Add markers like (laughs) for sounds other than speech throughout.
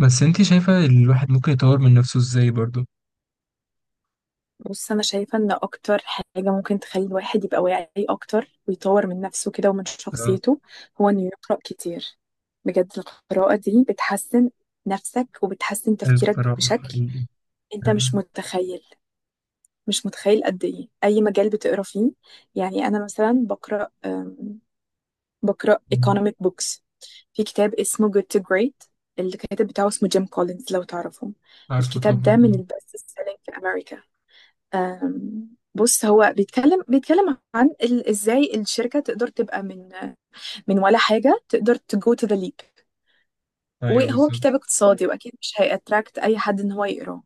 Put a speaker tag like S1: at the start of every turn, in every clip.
S1: بس انت شايفة الواحد ممكن يطور من نفسه ازاي برضو.
S2: بص انا شايفه ان اكتر حاجه ممكن تخلي الواحد يبقى واعي اكتر ويطور من نفسه كده ومن
S1: اه،
S2: شخصيته هو انه يقرا كتير. بجد القراءه دي بتحسن نفسك وبتحسن تفكيرك
S1: القراءة
S2: بشكل،
S1: حقيقي.
S2: انت مش
S1: فعلا.
S2: متخيل. مش متخيل قد ايه اي مجال بتقرا فيه. يعني انا مثلا بقرا بقرا
S1: مم.
S2: economic books. في كتاب اسمه Good to Great، الكاتب بتاعه اسمه جيم كولينز، لو تعرفه.
S1: عارفه
S2: الكتاب ده من
S1: طبعا.
S2: البست سيلينج في امريكا. آم، بص، هو بيتكلم عن ازاي الشركه تقدر تبقى من ولا حاجه تقدر تجو تو ذا ليب.
S1: اه ايوه
S2: وهو
S1: بالظبط.
S2: كتاب اقتصادي، واكيد مش هيأتراكت اي حد ان هو يقراه،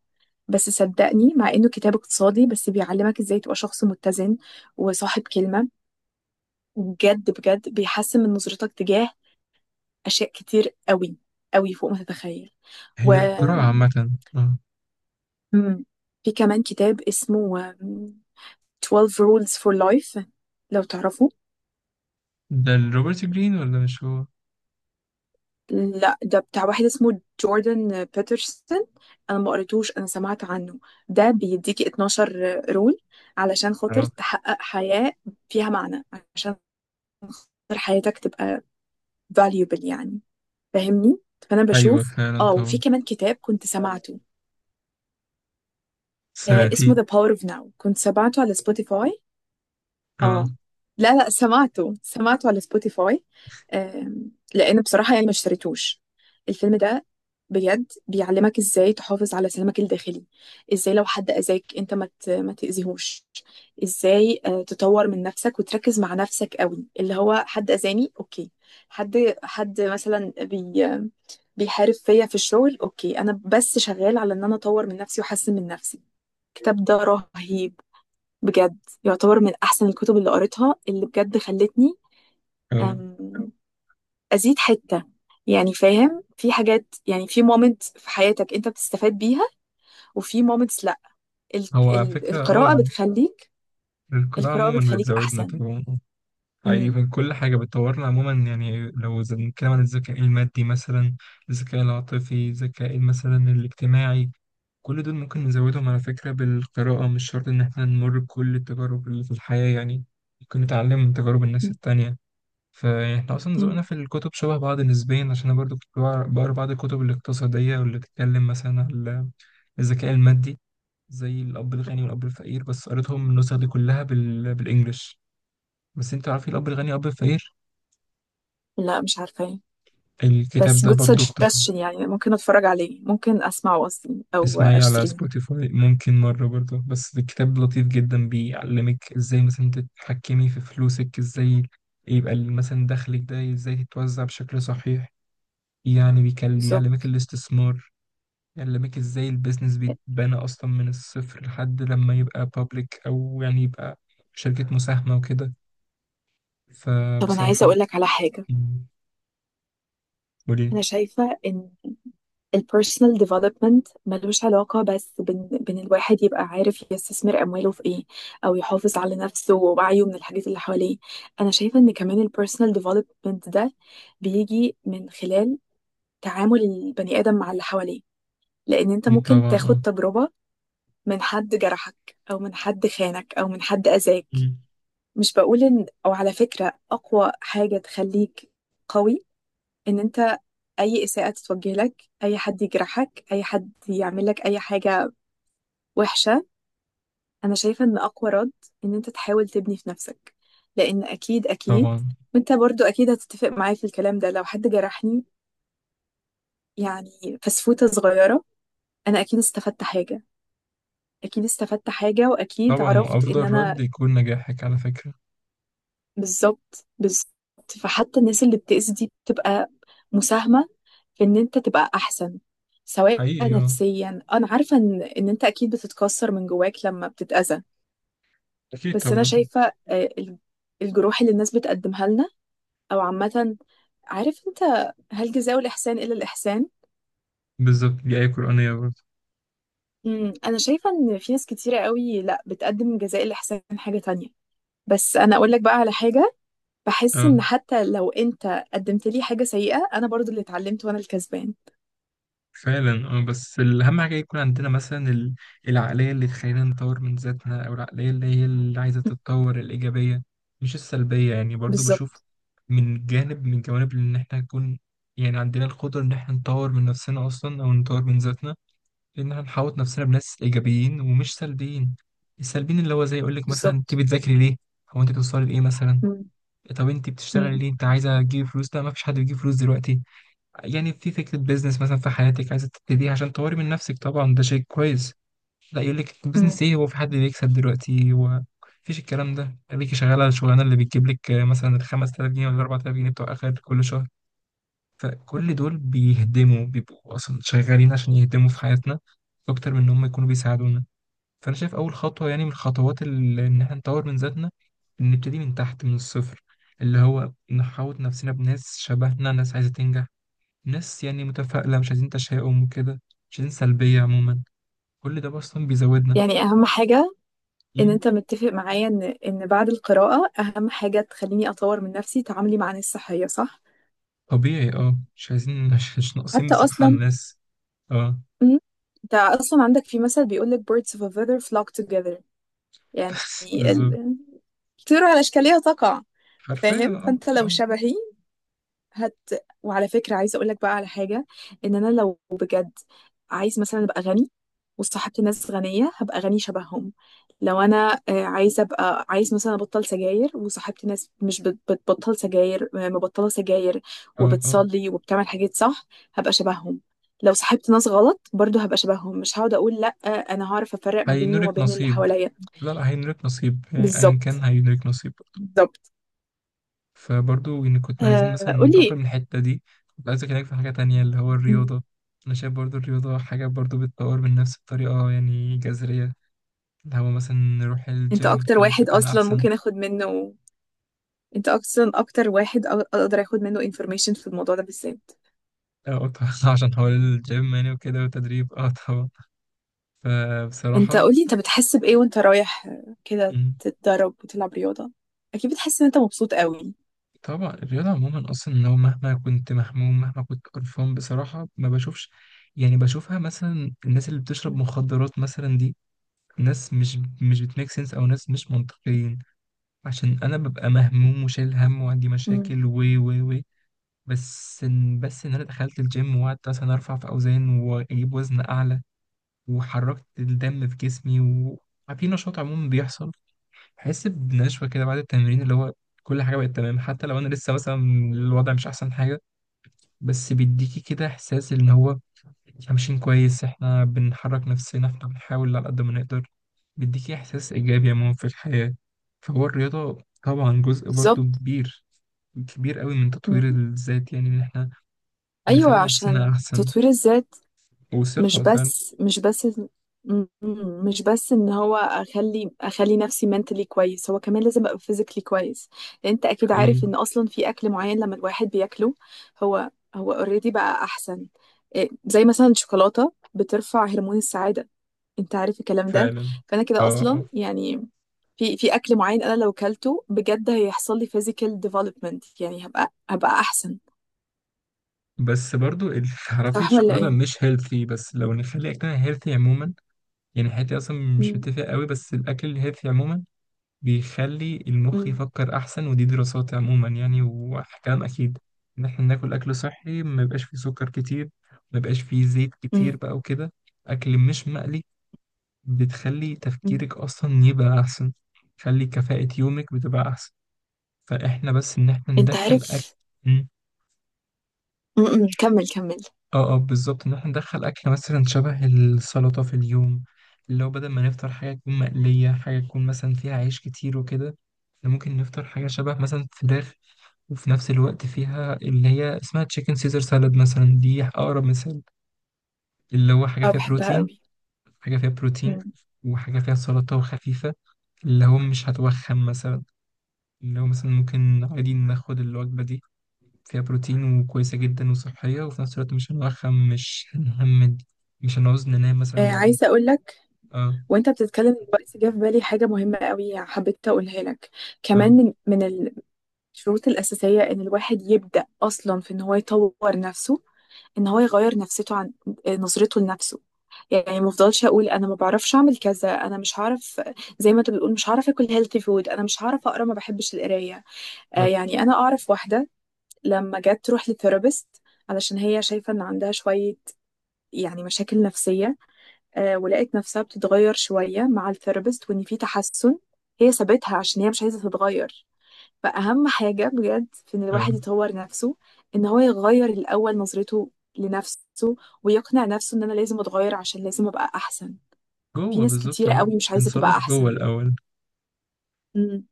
S2: بس صدقني مع انه كتاب اقتصادي، بس بيعلمك ازاي تبقى شخص متزن وصاحب كلمه. بجد بجد بيحسن من نظرتك تجاه اشياء كتير قوي، قوي فوق ما تتخيل. و
S1: هي القراءة عامة. اه،
S2: مم. في كمان كتاب اسمه 12 rules for life، لو تعرفوا.
S1: ده روبرت جرين ولا مش هو؟
S2: لا، ده بتاع واحد اسمه جوردن بيترسون. انا ما قريتوش، انا سمعت عنه. ده بيديكي 12 رول علشان خاطر
S1: اه
S2: تحقق حياة فيها معنى، عشان خاطر حياتك تبقى valuable يعني، فاهمني؟ فانا
S1: ايوه
S2: بشوف.
S1: فعلا
S2: اه وفي
S1: طبعا.
S2: كمان كتاب كنت سمعته، آه
S1: سمعتيه.
S2: اسمه The Power of Now، كنت سمعته على سبوتيفاي.
S1: اه
S2: اه لا لا، سمعته سمعته على سبوتيفاي. لان بصراحه يعني ما اشتريتوش الفيلم ده. بجد بيعلمك ازاي تحافظ على سلامك الداخلي، ازاي لو حد اذاك انت ما تاذيهوش، ازاي تطور من نفسك وتركز مع نفسك قوي. اللي هو حد اذاني، اوكي، حد مثلا بيحارب فيا في الشغل. اوكي، انا بس شغال على ان انا اطور من نفسي واحسن من نفسي. الكتاب ده رهيب بجد. يعتبر من احسن الكتب اللي قريتها، اللي بجد خلتني
S1: اه،
S2: أم، ازيد حتة، يعني فاهم؟ في حاجات يعني في مومنت في حياتك انت بتستفاد بيها، وفي مومنتس لا. ال
S1: هو على فكرة اه
S2: القراءة بتخليك،
S1: القراءة
S2: القراءة
S1: عموما
S2: بتخليك
S1: بتزودنا
S2: احسن.
S1: طبعا اه. حقيقي،
S2: مم.
S1: من كل حاجة بتطورنا عموما، يعني لو بنتكلم عن الذكاء المادي مثلا، الذكاء العاطفي، الذكاء مثلا الاجتماعي، كل دول ممكن نزودهم على فكرة بالقراءة. مش شرط إن إحنا نمر بكل التجارب اللي في الحياة يعني، ممكن نتعلم من تجارب الناس التانية. فإحنا أصلا ذوقنا
S2: مم.
S1: في الكتب شبه بعض نسبيا، عشان أنا برضو كنت بقرا بعض الكتب الاقتصادية، واللي بتتكلم مثلا على الذكاء المادي، زي الأب الغني والأب الفقير. بس قريتهم النسخ دي كلها بالإنجلش. بس أنت عارف إيه الأب الغني والأب الفقير؟
S2: لا، مش عارفة.
S1: الكتاب
S2: بس
S1: ده
S2: good
S1: برضو اقتصادي.
S2: suggestion يعني، ممكن اتفرج عليه، ممكن اسمعه اصلا او
S1: اسمعي على
S2: اشتريه.
S1: سبوتيفاي ممكن مرة برضه، بس الكتاب لطيف جدا، بيعلمك ازاي مثلا تتحكمي في فلوسك، ازاي يبقى مثلا دخلك ده ازاي تتوزع بشكل صحيح. يعني بيعلمك
S2: بالظبط.
S1: الاستثمار. يعلمك ازاي البيزنس بيتبنى اصلا من الصفر لحد لما يبقى بابليك، او يعني يبقى شركة مساهمة وكده.
S2: طب انا عايزة
S1: فبصراحة ال-
S2: اقول لك على حاجة.
S1: وليه.
S2: انا شايفة ان البيرسونال ديفلوبمنت ملوش علاقة بس بين الواحد يبقى عارف يستثمر أمواله في إيه، أو يحافظ على نفسه ووعيه من الحاجات اللي حواليه. أنا شايفة إن كمان البيرسونال ديفلوبمنت ده بيجي من خلال تعامل البني آدم مع اللي حواليه. لأن أنت
S1: دي
S2: ممكن
S1: طبعا
S2: تاخد
S1: اه.
S2: تجربة من حد جرحك، أو من حد خانك، أو من حد أذاك.
S1: مم.
S2: مش بقول إن، أو على فكرة، أقوى حاجة تخليك قوي إن أنت، أي إساءة تتوجه لك، أي حد يجرحك، أي حد يعمل لك أي حاجة وحشة، أنا شايفة إن أقوى رد إن أنت تحاول تبني في نفسك. لأن أكيد أكيد.
S1: طبعا.
S2: وأنت برضو أكيد هتتفق معايا في الكلام ده. لو حد جرحني يعني فسفوتة صغيرة، أنا أكيد استفدت حاجة. أكيد استفدت حاجة، وأكيد
S1: طبعا،
S2: عرفت إن
S1: وافضل رد
S2: أنا.
S1: يكون نجاحك على فكرة.
S2: بالظبط، بالظبط. فحتى الناس اللي بتأذي دي بتبقى مساهمة في إن أنت تبقى أحسن، سواء
S1: حقيقي اه.
S2: نفسيا. أنا عارفة إن أنت أكيد بتتكسر من جواك لما بتتأذى.
S1: اكيد
S2: بس أنا
S1: طبعا.
S2: شايفة الجروح اللي الناس بتقدمها لنا، او عامه، عارف انت، هل جزاء الاحسان الا الاحسان؟
S1: بالظبط، دي آية قرآنية برضه.
S2: انا شايفه ان في ناس كتيره قوي لا بتقدم جزاء الاحسان حاجه تانية. بس انا اقول لك بقى على حاجه، بحس
S1: اه
S2: ان حتى لو انت قدمت لي حاجه سيئه، انا برضو اللي اتعلمت وانا الكسبان.
S1: فعلا اه. بس الأهم حاجة يكون عندنا مثلا العقلية اللي تخلينا نطور من ذاتنا، أو العقلية اللي هي اللي عايزة
S2: مم.
S1: تتطور، الإيجابية مش السلبية يعني. برضه بشوف
S2: بالظبط
S1: من جانب من جوانب إن إحنا نكون، يعني عندنا القدرة إن إحنا نطور من نفسنا أصلا، أو نطور من ذاتنا، إن إحنا نحوط نفسنا بناس إيجابيين ومش سلبيين. السلبيين اللي هو زي يقولك مثلا أنت
S2: بالظبط.
S1: بتذاكري ليه؟ هو أنت بتوصلي لإيه مثلا؟
S2: مم.
S1: طب أنت بتشتغلي
S2: مم.
S1: ليه؟ أنت عايزة تجيبي فلوس؟ لا، مفيش حد بيجيب فلوس دلوقتي. يعني في فكرة بيزنس مثلا في حياتك عايزة تبتديها عشان تطوري من نفسك، طبعا ده شيء كويس. لا، يقول لك
S2: مم.
S1: بيزنس ايه، هو في حد بيكسب دلوقتي؟ هو مفيش، الكلام ده خليكي شغالة الشغلانة اللي بتجيب لك مثلا ال 5000 جنيه ولا 4000 جنيه بتوع آخر كل شهر. فكل دول بيهدموا، بيبقوا أصلا شغالين عشان يهدموا في حياتنا أكتر من إن هم يكونوا بيساعدونا. فأنا شايف أول خطوة، يعني من الخطوات اللي إن احنا نطور من ذاتنا، إن نبتدي من تحت من الصفر، اللي هو نحاوط نفسنا بناس شبهنا، ناس عايزة تنجح، ناس يعني متفائلة، مش عايزين تشاؤم وكده، مش عايزين سلبية عموما. كل ده أصلا بيزودنا.
S2: يعني اهم حاجه، ان
S1: أمم،
S2: انت متفق معايا ان بعد القراءه اهم حاجه تخليني اطور من نفسي تعاملي مع ناس صحيه، صح؟
S1: طبيعي اه. مش عايزين، مش ناقصين
S2: حتى
S1: بصراحة على
S2: اصلا.
S1: الناس. اه.
S2: مم. انت اصلا عندك في مثل بيقول لك birds of a feather flock together،
S1: (laughs)
S2: يعني
S1: بس بالظبط.
S2: ال- الطير على اشكالها تقع.
S1: حرفيا.
S2: فاهم؟
S1: اه
S2: فانت لو
S1: اه.
S2: شبهي هت وعلى فكرة عايزة اقول لك بقى على حاجة، ان انا لو بجد عايز مثلا ابقى غني وصاحبت ناس غنية، هبقى غني شبههم. لو انا عايزة ابقى، عايز مثلا ابطل سجاير وصاحبت ناس مش بت- بتبطل سجاير، مبطلة سجاير
S1: اه اه.
S2: وبتصلي وبتعمل حاجات صح، هبقى شبههم. لو صاحبت ناس غلط برضو هبقى شبههم. مش هقعد اقول لا، انا هعرف افرق ما بيني وما
S1: هينولك
S2: بين اللي
S1: نصيب.
S2: حواليا.
S1: لا هينولك نصيب، يعني أيا كان
S2: بالظبط
S1: هينولك نصيب.
S2: بالظبط.
S1: فبرضو إن كنا عايزين مثلا
S2: آه
S1: ننتقل
S2: قولي.
S1: من الحتة دي، كنت عايز أكلمك في حاجة تانية اللي هو
S2: م،
S1: الرياضة. أنا شايف برضو الرياضة حاجة برضو بتطور من نفس بطريقة يعني جذرية، اللي هو مثلا نروح
S2: انت
S1: الجيم،
S2: اكتر
S1: نخلي
S2: واحد
S1: شكلنا
S2: اصلا
S1: أحسن.
S2: ممكن اخد منه، انت اصلا اكتر واحد اقدر اخد منه information في الموضوع ده بالذات.
S1: اه طبعا. (laughs) عشان حوار الجيم يعني وكده وتدريب، اه طبعا.
S2: انت
S1: فبصراحة
S2: قولي، انت بتحس بايه وانت رايح كده
S1: مم،
S2: تتدرب وتلعب رياضة؟ اكيد بتحس ان انت مبسوط قوي.
S1: طبعا الرياضة عموما أصلا، لو مهما كنت مهموم، مهما كنت قرفان، بصراحة ما بشوفش، يعني بشوفها مثلا الناس اللي بتشرب مخدرات مثلا دي، ناس مش بتميك سنس، أو ناس مش منطقيين. عشان أنا ببقى مهموم وشايل هم وعندي مشاكل
S2: مم.
S1: و. بس إن، بس إن أنا دخلت الجيم وقعدت مثلا أرفع في أوزان وأجيب وزن أعلى، وحركت الدم في جسمي في نشاط عموما بيحصل. بحس بنشوة كده بعد التمرين، اللي هو كل حاجة بقت تمام، حتى لو أنا لسه مثلا الوضع مش أحسن حاجة، بس بيديكي كده إحساس إن هو إحنا ماشيين كويس، إحنا بنحرك نفسنا، إحنا بنحاول على قد ما نقدر، بيديكي إحساس إيجابي عموما في الحياة. فهو الرياضة طبعا جزء برضو
S2: بالظبط.
S1: كبير، كبير قوي، من
S2: مم.
S1: تطوير الذات، يعني إن إحنا
S2: ايوه،
S1: نخلي نفسنا
S2: عشان
S1: أحسن
S2: تطوير الذات، مش
S1: وثقة فعلا.
S2: بس مش بس م- مش بس ان هو اخلي نفسي mentally كويس، هو كمان لازم ابقى physically كويس. لان انت اكيد
S1: حقيقي
S2: عارف ان اصلا في اكل معين لما الواحد بياكله، هو اوريدي بقى احسن. إيه، زي مثلا الشوكولاته بترفع هرمون السعاده، انت عارف الكلام ده.
S1: فعلا.
S2: فانا كده
S1: اه
S2: اصلا
S1: اه.
S2: يعني في اكل معين انا لو كلته بجد هيحصل لي physical development، يعني هبقى احسن،
S1: بس برضو (laughs) تعرفي
S2: صح ولا
S1: الشوكولاتة
S2: ايه؟
S1: مش هيلثي، بس لو نخلي أكلنا هيلثي عموما، يعني حياتي اصلا مش
S2: م-
S1: متفق قوي، بس الاكل الهيلثي عموما بيخلي المخ
S2: م-
S1: يفكر احسن. ودي دراسات عموما يعني وكلام اكيد، ان احنا ناكل اكل صحي، ما يبقاش فيه سكر كتير، ما يبقاش فيه زيت كتير
S2: م-
S1: بقى وكده، اكل مش مقلي، بتخلي
S2: م.
S1: تفكيرك اصلا يبقى احسن، تخلي كفاءة يومك بتبقى احسن. فاحنا بس ان احنا
S2: انت
S1: ندخل اكل،
S2: عارف؟ م- م. كمل كمل.
S1: اه اه بالظبط، ان احنا ندخل اكل مثلا شبه السلطه في اليوم، اللي هو بدل ما نفطر حاجه تكون مقليه، حاجه تكون مثلا فيها عيش كتير وكده، إحنا ممكن نفطر حاجه شبه مثلا فراخ، وفي نفس الوقت فيها اللي هي اسمها تشيكن سيزر سالاد، مثلا دي اقرب مثال. اللي هو حاجه
S2: اه
S1: فيها
S2: بحبها
S1: بروتين،
S2: قوي.
S1: حاجه فيها بروتين،
S2: م.
S1: وحاجه فيها سلطه وخفيفه، اللي هو مش هتوخم مثلا، اللي هو مثلا ممكن عادي ناخد الوجبه دي، فيها بروتين وكويسة جدا وصحية، وفي نفس الوقت مش هنوخم، مش هنهمد، مش هنعوز ننام
S2: آه
S1: مثلا بعدين.
S2: عايزة اقول لك،
S1: اه.
S2: وانت بتتكلم دلوقتي جه في بالي حاجة مهمة قوي، حبيت اقولها لك.
S1: اه
S2: كمان من الشروط الأساسية ان الواحد يبدأ اصلا في ان هو يطور نفسه، ان هو يغير نفسيته عن نظرته لنفسه. يعني ما افضلش اقول انا ما بعرفش اعمل كذا، انا مش هعرف. زي ما انت بتقول مش هعرف اكل هيلثي فود، انا مش هعرف اقرا، ما بحبش القرايه.
S1: اه.
S2: يعني انا اعرف واحده لما جت تروح لثيرابيست علشان هي شايفه ان عندها شويه يعني مشاكل نفسية، ولقيت نفسها بتتغير شوية مع الثيرابيست، وإن في تحسن، هي سابتها عشان هي مش عايزة تتغير. فأهم حاجة بجد في إن
S1: اه
S2: الواحد يطور نفسه، إن هو يغير الأول نظرته لنفسه، ويقنع نفسه إن أنا لازم أتغير عشان لازم أبقى أحسن. في
S1: جوه
S2: ناس
S1: بالظبط.
S2: كتيرة
S1: هو
S2: قوي مش عايزة تبقى
S1: بنصلح جوه
S2: أحسن.
S1: الأول،
S2: امم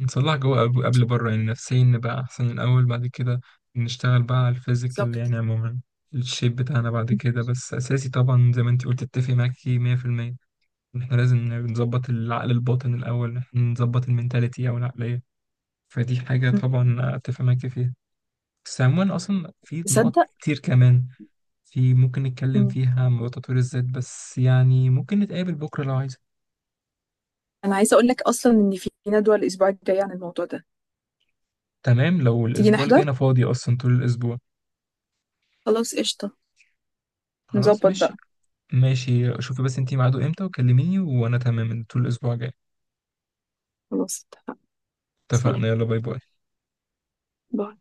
S1: نصلح جوه قبل بره يعني، نفسيا نبقى أحسن الأول، بعد كده نشتغل بقى على الفيزيكال
S2: بالظبط.
S1: يعني عموما، الشيب بتاعنا بعد كده. بس أساسي طبعا، زي ما انت قلت، اتفق معاكي 100% إن احنا لازم نظبط العقل الباطن الأول، إحنا نظبط المنتاليتي أو العقلية، فدي حاجة
S2: أمم.
S1: طبعا أتفق معاكي فيها. بس عموما أصلا في نقط
S2: تصدق.
S1: كتير كمان في ممكن نتكلم
S2: أمم.
S1: فيها عن موضوع تطوير الذات، بس يعني ممكن نتقابل بكرة لو عايزة.
S2: أنا عايزة أقول لك أصلا إن في ندوة الأسبوع الجاي عن الموضوع ده.
S1: تمام، لو
S2: تيجي
S1: الأسبوع اللي جاي
S2: نحضر.
S1: أنا فاضي أصلا طول الأسبوع.
S2: خلاص قشطة.
S1: خلاص
S2: نظبط بقى.
S1: ماشي. ماشي، شوفي بس انتي ميعاده امتى وكلميني، وأنا تمام طول الأسبوع الجاي.
S2: خلاص اتفقنا. سلام.
S1: اتفقنا. يلا باي باي.
S2: باي.